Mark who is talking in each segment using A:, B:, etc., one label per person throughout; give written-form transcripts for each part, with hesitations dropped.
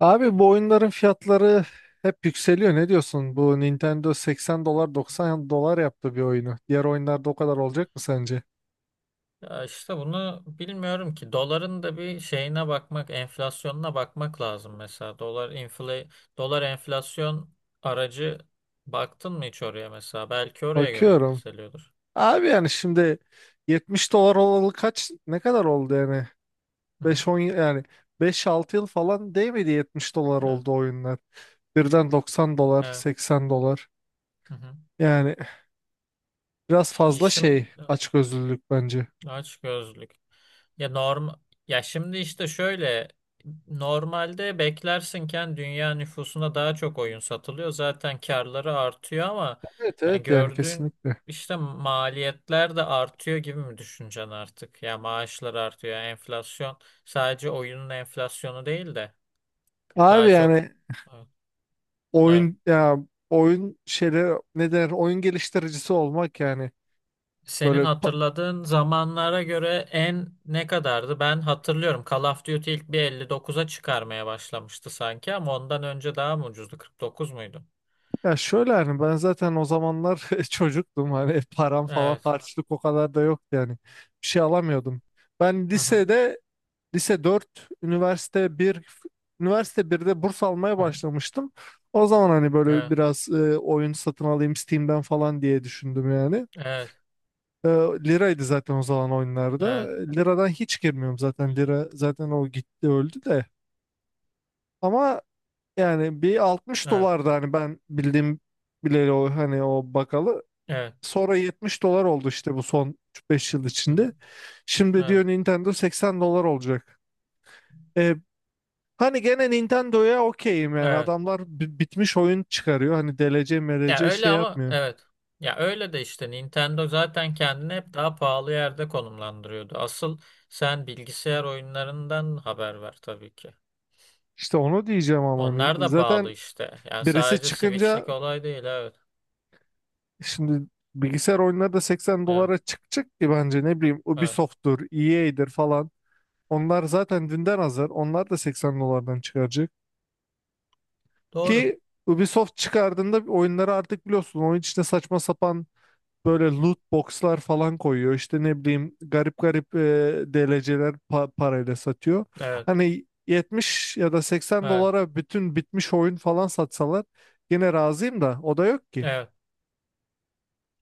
A: Abi bu oyunların fiyatları hep yükseliyor. Ne diyorsun? Bu Nintendo 80 dolar 90 dolar yaptı bir oyunu. Diğer oyunlarda o kadar olacak mı sence?
B: Ya işte bunu bilmiyorum ki. Doların da bir şeyine bakmak, enflasyonuna bakmak lazım mesela. Dolar enflasyon aracı baktın mı hiç oraya mesela? Belki oraya göre
A: Bakıyorum.
B: yükseliyordur.
A: Abi yani şimdi 70 dolar olalı kaç ne kadar oldu yani?
B: Hı hı.
A: 5-10 yani 5-6 yıl falan değmedi 70 dolar
B: Evet.
A: oldu oyunlar. Birden 90 dolar
B: Evet.
A: 80 dolar.
B: Hı hı.
A: Yani biraz fazla
B: Şimdi
A: şey açgözlülük bence.
B: aç gözlük. Ya norm ya şimdi işte şöyle normalde beklersinken dünya nüfusuna daha çok oyun satılıyor. Zaten karları artıyor ama
A: Evet
B: yani
A: evet yani
B: gördüğün
A: kesinlikle.
B: işte maliyetler de artıyor gibi mi düşüneceksin artık? Ya maaşlar artıyor, yani enflasyon sadece oyunun enflasyonu değil de
A: Abi
B: daha çok
A: yani
B: evet.
A: oyun ya oyun şeyleri ne der oyun geliştiricisi olmak yani böyle
B: Senin hatırladığın zamanlara göre ne kadardı? Ben hatırlıyorum. Call of Duty ilk bir 59'a çıkarmaya başlamıştı sanki ama ondan önce daha mı ucuzdu? 49 muydu?
A: ya şöyle hani ben zaten o zamanlar çocuktum, hani param falan,
B: Evet.
A: harçlık o kadar da yoktu yani bir şey alamıyordum. Ben
B: Hı hı.
A: lise dört, üniversite birde burs almaya
B: Hı hı.
A: başlamıştım. O zaman hani böyle
B: Evet.
A: biraz oyun satın alayım Steam'den falan diye düşündüm yani.
B: Evet.
A: E, Liraydı zaten o zaman oyunlarda.
B: Evet.
A: Liradan hiç girmiyorum zaten. Lira zaten o gitti, öldü de. Ama yani bir 60
B: Evet.
A: dolardı hani ben bildiğim bileli, o hani o bakalı.
B: Evet.
A: Sonra 70 dolar oldu işte, bu son üç beş yıl
B: Hı hı.
A: içinde. Şimdi
B: Evet.
A: diyor Nintendo 80 dolar olacak. E, Hani gene Nintendo'ya okeyim yani,
B: Evet.
A: adamlar bitmiş oyun çıkarıyor. Hani DLC
B: Ya
A: MLC
B: öyle
A: şey
B: ama
A: yapmıyor.
B: evet. Ya öyle de işte Nintendo zaten kendini hep daha pahalı yerde konumlandırıyordu. Asıl sen bilgisayar oyunlarından haber ver tabii ki.
A: İşte onu diyeceğim ama hani
B: Onlar da pahalı
A: zaten
B: işte. Yani
A: birisi
B: sadece
A: çıkınca
B: Switch'lik olay değil. Evet.
A: şimdi bilgisayar oyunları da seksen
B: Evet.
A: dolara çıkacak ki bence, ne bileyim,
B: Evet.
A: Ubisoft'tur, EA'dir falan. Onlar zaten dünden hazır. Onlar da 80 dolardan çıkaracak.
B: Doğru.
A: Ki Ubisoft çıkardığında oyunları artık biliyorsun, oyun içine saçma sapan böyle loot boxlar falan koyuyor. İşte ne bileyim, garip garip DLC'ler parayla satıyor.
B: Evet.
A: Hani 70 ya da 80
B: Evet.
A: dolara bütün bitmiş oyun falan satsalar yine razıyım da o da yok ki.
B: Evet.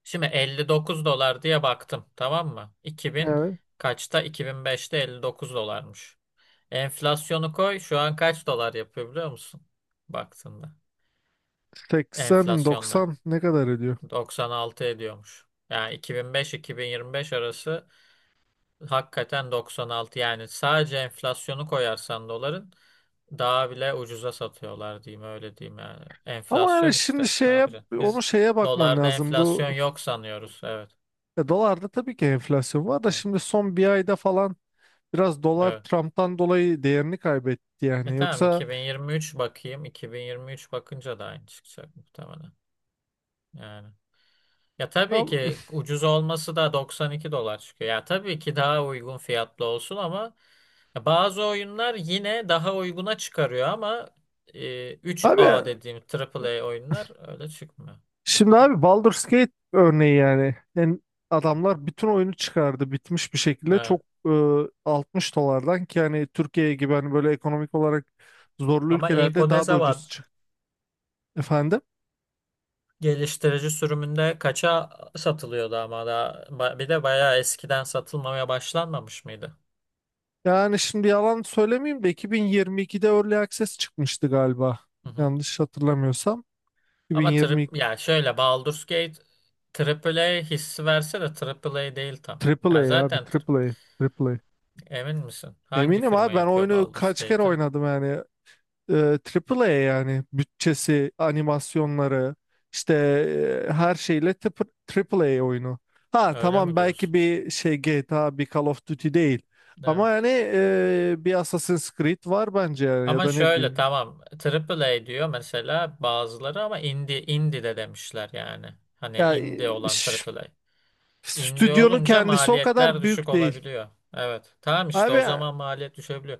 B: Şimdi 59 dolar diye baktım. Tamam mı? İki bin
A: Evet.
B: kaçta? 2005'te 59 dolarmış. Enflasyonu koy. Şu an kaç dolar yapıyor biliyor musun? Baktığında. Enflasyonla.
A: 80-90 ne kadar ediyor?
B: 96 ediyormuş. Yani iki bin beş-iki bin beş yirmi beş arası hakikaten 96. Yani sadece enflasyonu koyarsan doların daha bile ucuza satıyorlar diyeyim öyle diyeyim yani.
A: Ama yani
B: Enflasyon
A: şimdi
B: işte. Ne
A: şeye,
B: yapacaksın?
A: onu
B: Biz
A: şeye bakman
B: dolarda
A: lazım.
B: enflasyon yok sanıyoruz. Evet.
A: Dolarda tabii ki enflasyon var da
B: Evet.
A: şimdi son bir ayda falan biraz dolar
B: Evet.
A: Trump'tan dolayı değerini kaybetti yani.
B: Tamam
A: Yoksa
B: 2023 bakayım. 2023 bakınca da aynı çıkacak muhtemelen. Yani. Ya tabii
A: am-
B: ki ucuz olması da 92 dolar çıkıyor. Ya tabii ki daha uygun fiyatlı olsun ama bazı oyunlar yine daha uyguna çıkarıyor ama
A: abi
B: 3A dediğim A A A oyunlar öyle çıkmıyor.
A: şimdi, abi Baldur's Gate örneği yani. Yani adamlar bütün oyunu çıkardı, bitmiş bir şekilde,
B: Evet.
A: çok e, 60 dolardan, ki hani Türkiye gibi, hani böyle ekonomik olarak zorlu
B: Ama ilk
A: ülkelerde
B: o ne
A: daha da
B: zaman
A: ucuz çıktı efendim.
B: geliştirici sürümünde kaça satılıyordu ama da bir de bayağı eskiden satılmamaya başlanmamış mıydı?
A: Yani şimdi yalan söylemeyeyim de 2022'de Early Access çıkmıştı galiba.
B: Hı hı.
A: Yanlış hatırlamıyorsam.
B: Ama ya şöyle Baldur's Gate AAA hissi verse de AAA değil tam.
A: Triple
B: Yani
A: A abi,
B: zaten
A: Triple A. Triple A.
B: emin misin? Hangi
A: Eminim
B: firma
A: abi, ben
B: yapıyor
A: oyunu
B: Baldur's
A: kaç kere
B: Gate'i?
A: oynadım yani. Triple A yani, bütçesi, animasyonları işte her şeyle Triple A oyunu. Ha
B: Öyle mi
A: tamam, belki
B: diyorsun?
A: bir şey, GTA bir Call of Duty değil.
B: Evet.
A: Ama yani bir Assassin's Creed var bence yani, ya
B: Ama
A: da ne
B: şöyle
A: bileyim.
B: tamam AAA diyor mesela bazıları ama indie indie de demişler yani. Hani
A: Ya
B: indie olan AAA. İndi
A: stüdyonun
B: olunca
A: kendisi o
B: maliyetler
A: kadar
B: düşük
A: büyük değil.
B: olabiliyor. Evet. Tamam işte
A: Abi,
B: o zaman maliyet düşebiliyor.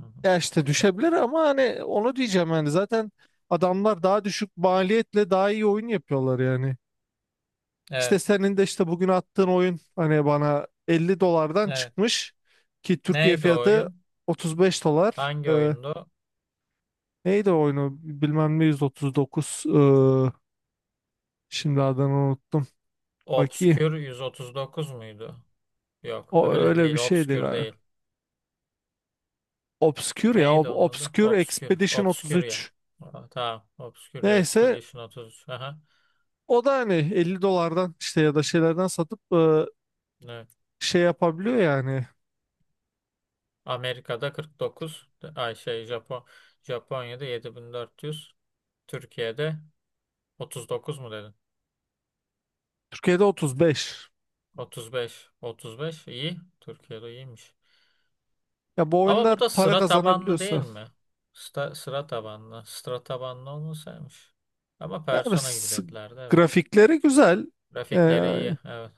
B: Hı hı.
A: ya işte düşebilir ama hani onu diyeceğim, yani zaten adamlar daha düşük maliyetle daha iyi oyun yapıyorlar yani. İşte
B: Evet.
A: senin de işte bugün attığın oyun hani bana 50 dolardan
B: Evet.
A: çıkmış, ki Türkiye
B: Neydi o
A: fiyatı
B: oyun?
A: 35 dolar.
B: Hangi oyundu?
A: Neydi o oyunu, bilmem ne 139. Şimdi adını unuttum. Bakayım,
B: Obscure 139 muydu? Yok,
A: o
B: öyle
A: öyle
B: değil.
A: bir şeydi
B: Obscure
A: galiba.
B: değil.
A: Obscure ya
B: Neydi onun adı?
A: Obscure
B: Obscure.
A: Expedition
B: Obscuria.
A: 33.
B: Aa, tamam. Obscuria
A: Neyse,
B: Expedition 33. Aha.
A: o da hani 50 dolardan işte ya da şeylerden satıp
B: Evet.
A: şey yapabiliyor yani.
B: Amerika'da 49. Ay, Japonya'da 7.400. Türkiye'de 39 mu dedin?
A: Türkiye'de 35.
B: 35, 35 iyi. Türkiye'de iyiymiş.
A: Ya bu
B: Ama bu
A: oyunlar
B: da
A: para
B: sıra tabanlı değil
A: kazanabiliyorsa.
B: mi? Sıra tabanlı. Sıra tabanlı olmasaymış. Ama
A: Yani
B: persona gibi dediler de evet.
A: grafikleri güzel. Ee,
B: Grafikleri iyi. Evet.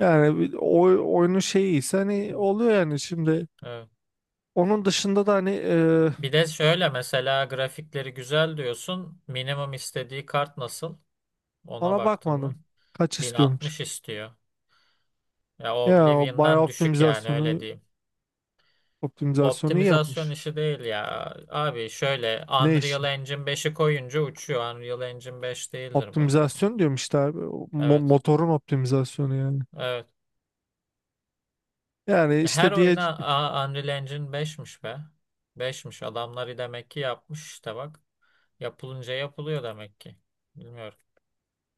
A: Yani bir oyunun şeyi ise hani oluyor yani şimdi.
B: Evet.
A: Onun dışında da hani
B: Bir de şöyle mesela grafikleri güzel diyorsun. Minimum istediği kart nasıl? Ona
A: ona
B: baktın
A: bakmadım.
B: mı?
A: Kaç
B: Bin
A: istiyormuş.
B: altmış istiyor. Ya
A: Ya o bayağı
B: Oblivion'dan düşük yani öyle diyeyim.
A: optimizasyonu iyi
B: Optimizasyon
A: yapmış.
B: işi değil ya. Abi şöyle
A: Ne
B: Unreal
A: işi?
B: Engine 5'i koyunca uçuyor. Unreal Engine beş değildir bu.
A: Optimizasyon diyorum işte abi. O
B: Evet.
A: motorun optimizasyonu yani.
B: Evet.
A: Yani işte diye,
B: Unreal Engine 5'miş be. 5'miş adamları demek ki yapmış işte bak. Yapılınca yapılıyor demek ki. Bilmiyorum.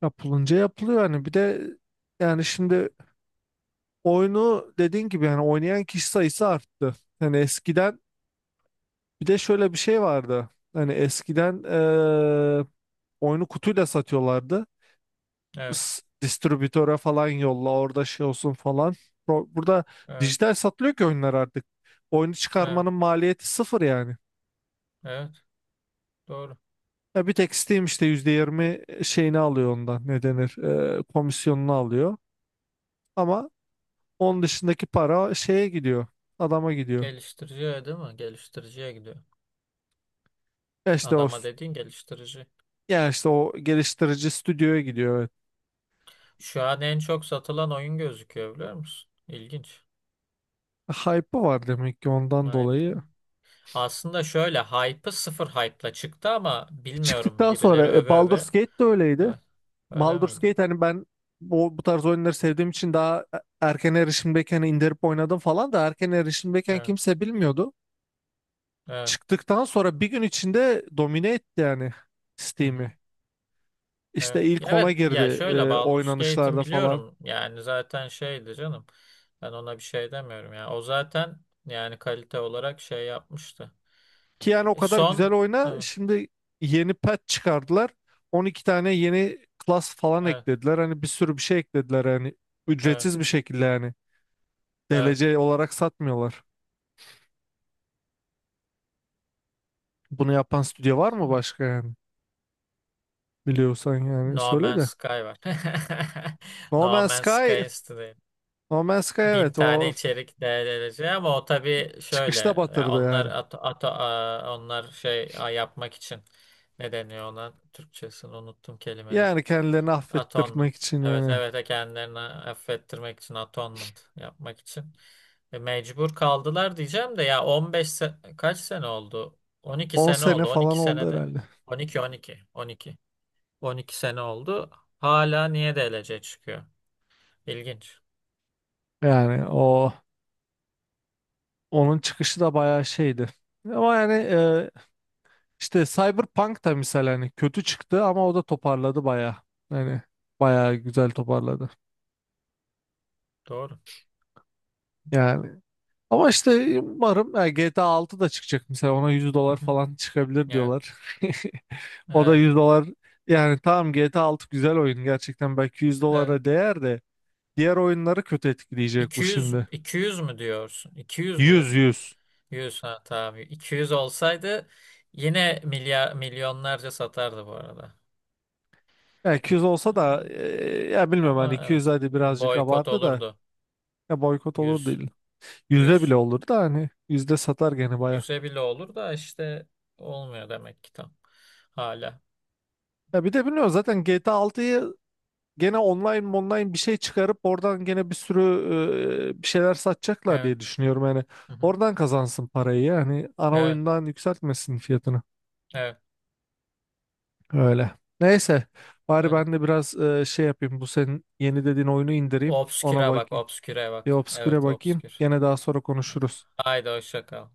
A: yapılınca yapılıyor hani, bir de yani şimdi oyunu dediğin gibi yani oynayan kişi sayısı arttı. Hani eskiden bir de şöyle bir şey vardı. Hani eskiden oyunu kutuyla satıyorlardı.
B: Evet.
A: Distribütöre falan yolla, orada şey olsun falan. Burada
B: Evet.
A: dijital satılıyor ki oyunlar artık. Oyunu
B: Evet.
A: çıkarmanın maliyeti sıfır yani.
B: Evet. Doğru.
A: Ya bir tek Steam işte %20 şeyini alıyor, ondan ne denir, komisyonunu alıyor. Ama onun dışındaki para şeye gidiyor, adama gidiyor.
B: Geliştiriciye değil mi? Geliştiriciye gidiyor.
A: İşte o,
B: Adama dediğin geliştirici.
A: ya işte o geliştirici stüdyoya gidiyor. Evet.
B: Şu an en çok satılan oyun gözüküyor biliyor musun? İlginç.
A: Hype'ı var demek ki ondan
B: Vay be.
A: dolayı.
B: Aslında şöyle hype'ı sıfır hype'la çıktı ama bilmiyorum
A: Çıktıktan sonra
B: birileri öve öve.
A: Baldur's Gate de öyleydi.
B: Evet. Öyle
A: Baldur's
B: miydi?
A: Gate, hani ben bu tarz oyunları sevdiğim için daha erken erişimdeyken indirip oynadım falan da erken erişimdeyken
B: Evet.
A: kimse bilmiyordu.
B: Evet.
A: Çıktıktan sonra bir gün içinde domine etti yani
B: Hı hı.
A: Steam'i. İşte
B: Evet. Ya
A: ilk
B: evet
A: ona
B: ya
A: girdi
B: şöyle Baldur's Gate'in
A: oynanışlarda falan.
B: biliyorum yani zaten şeydi canım. Ben ona bir şey demiyorum ya. O zaten yani kalite olarak şey yapmıştı.
A: Ki yani o
B: E,
A: kadar güzel
B: son
A: oyna.
B: evet
A: Şimdi yeni patch çıkardılar. 12 tane yeni class falan
B: evet
A: eklediler. Hani bir sürü bir şey eklediler yani.
B: evet.
A: Ücretsiz bir şekilde yani.
B: Evet.
A: DLC olarak satmıyorlar. Bunu yapan stüdyo var mı başka yani? Biliyorsan yani
B: No
A: söyle
B: Man's
A: de.
B: Sky var.
A: No
B: No
A: Man's
B: Man's
A: Sky,
B: Sky.
A: No Man's Sky,
B: Bin
A: evet o
B: tane içerik değerlenecek ama o tabii şöyle
A: çıkışta
B: ya
A: batırdı yani.
B: onlar yapmak için ne deniyor ona Türkçesini unuttum kelimenin.
A: Yani kendilerini affettirmek
B: Atonement.
A: için
B: Evet
A: yani.
B: evet kendilerini affettirmek için atonement yapmak için mecbur kaldılar diyeceğim de ya 15 kaç sene oldu? on iki
A: 10
B: sene
A: sene
B: oldu. on
A: falan
B: iki
A: oldu
B: senede
A: herhalde.
B: on on iki on iki on iki 12 sene oldu. Hala niye DLC çıkıyor? İlginç.
A: Yani onun çıkışı da bayağı şeydi. Ama yani İşte Cyberpunk da misal hani kötü çıktı ama o da toparladı baya. Hani baya güzel toparladı.
B: Doğru.
A: Yani, ama işte umarım yani, GTA 6 da çıkacak mesela, ona yüz
B: Hı
A: dolar
B: hı.
A: falan çıkabilir
B: Evet.
A: diyorlar. O da
B: Evet.
A: 100 dolar. Yani tamam, GTA 6 güzel oyun gerçekten, belki yüz
B: Evet.
A: dolara değer de diğer oyunları kötü etkileyecek bu
B: 200
A: şimdi.
B: 200 mü diyorsun? 200 mü dedin?
A: 100.
B: 100 ha tamam. 200 olsaydı yine milyonlarca satardı bu arada.
A: Yani 100
B: Ee,
A: olsa da ya bilmiyorum hani,
B: Ama
A: 200
B: evet.
A: hadi
B: Bir
A: birazcık
B: boykot
A: abartı da
B: olurdu.
A: ya, boykot olur
B: 100
A: değil. Yüzde bile
B: 100
A: olur da hani %100 satar gene baya.
B: 100'e bile olur da işte olmuyor demek ki tam. Hala.
A: Ya bir de bilmiyorum zaten GTA 6'yı gene online bir şey çıkarıp oradan gene bir sürü bir şeyler satacaklar
B: Evet.
A: diye düşünüyorum. Yani
B: Hı hı.
A: oradan kazansın parayı yani, ana
B: Evet.
A: oyundan yükseltmesin fiyatını.
B: Evet.
A: Öyle. Neyse, bari
B: Öyle.
A: ben de biraz şey yapayım, bu senin yeni dediğin oyunu indireyim, ona
B: Obsküre bak,
A: bakayım.
B: obsküre
A: Bir
B: bak.
A: Obscure'e
B: Evet,
A: bakayım,
B: obskür.
A: gene daha sonra
B: Evet.
A: konuşuruz.
B: Haydi hoşça kal.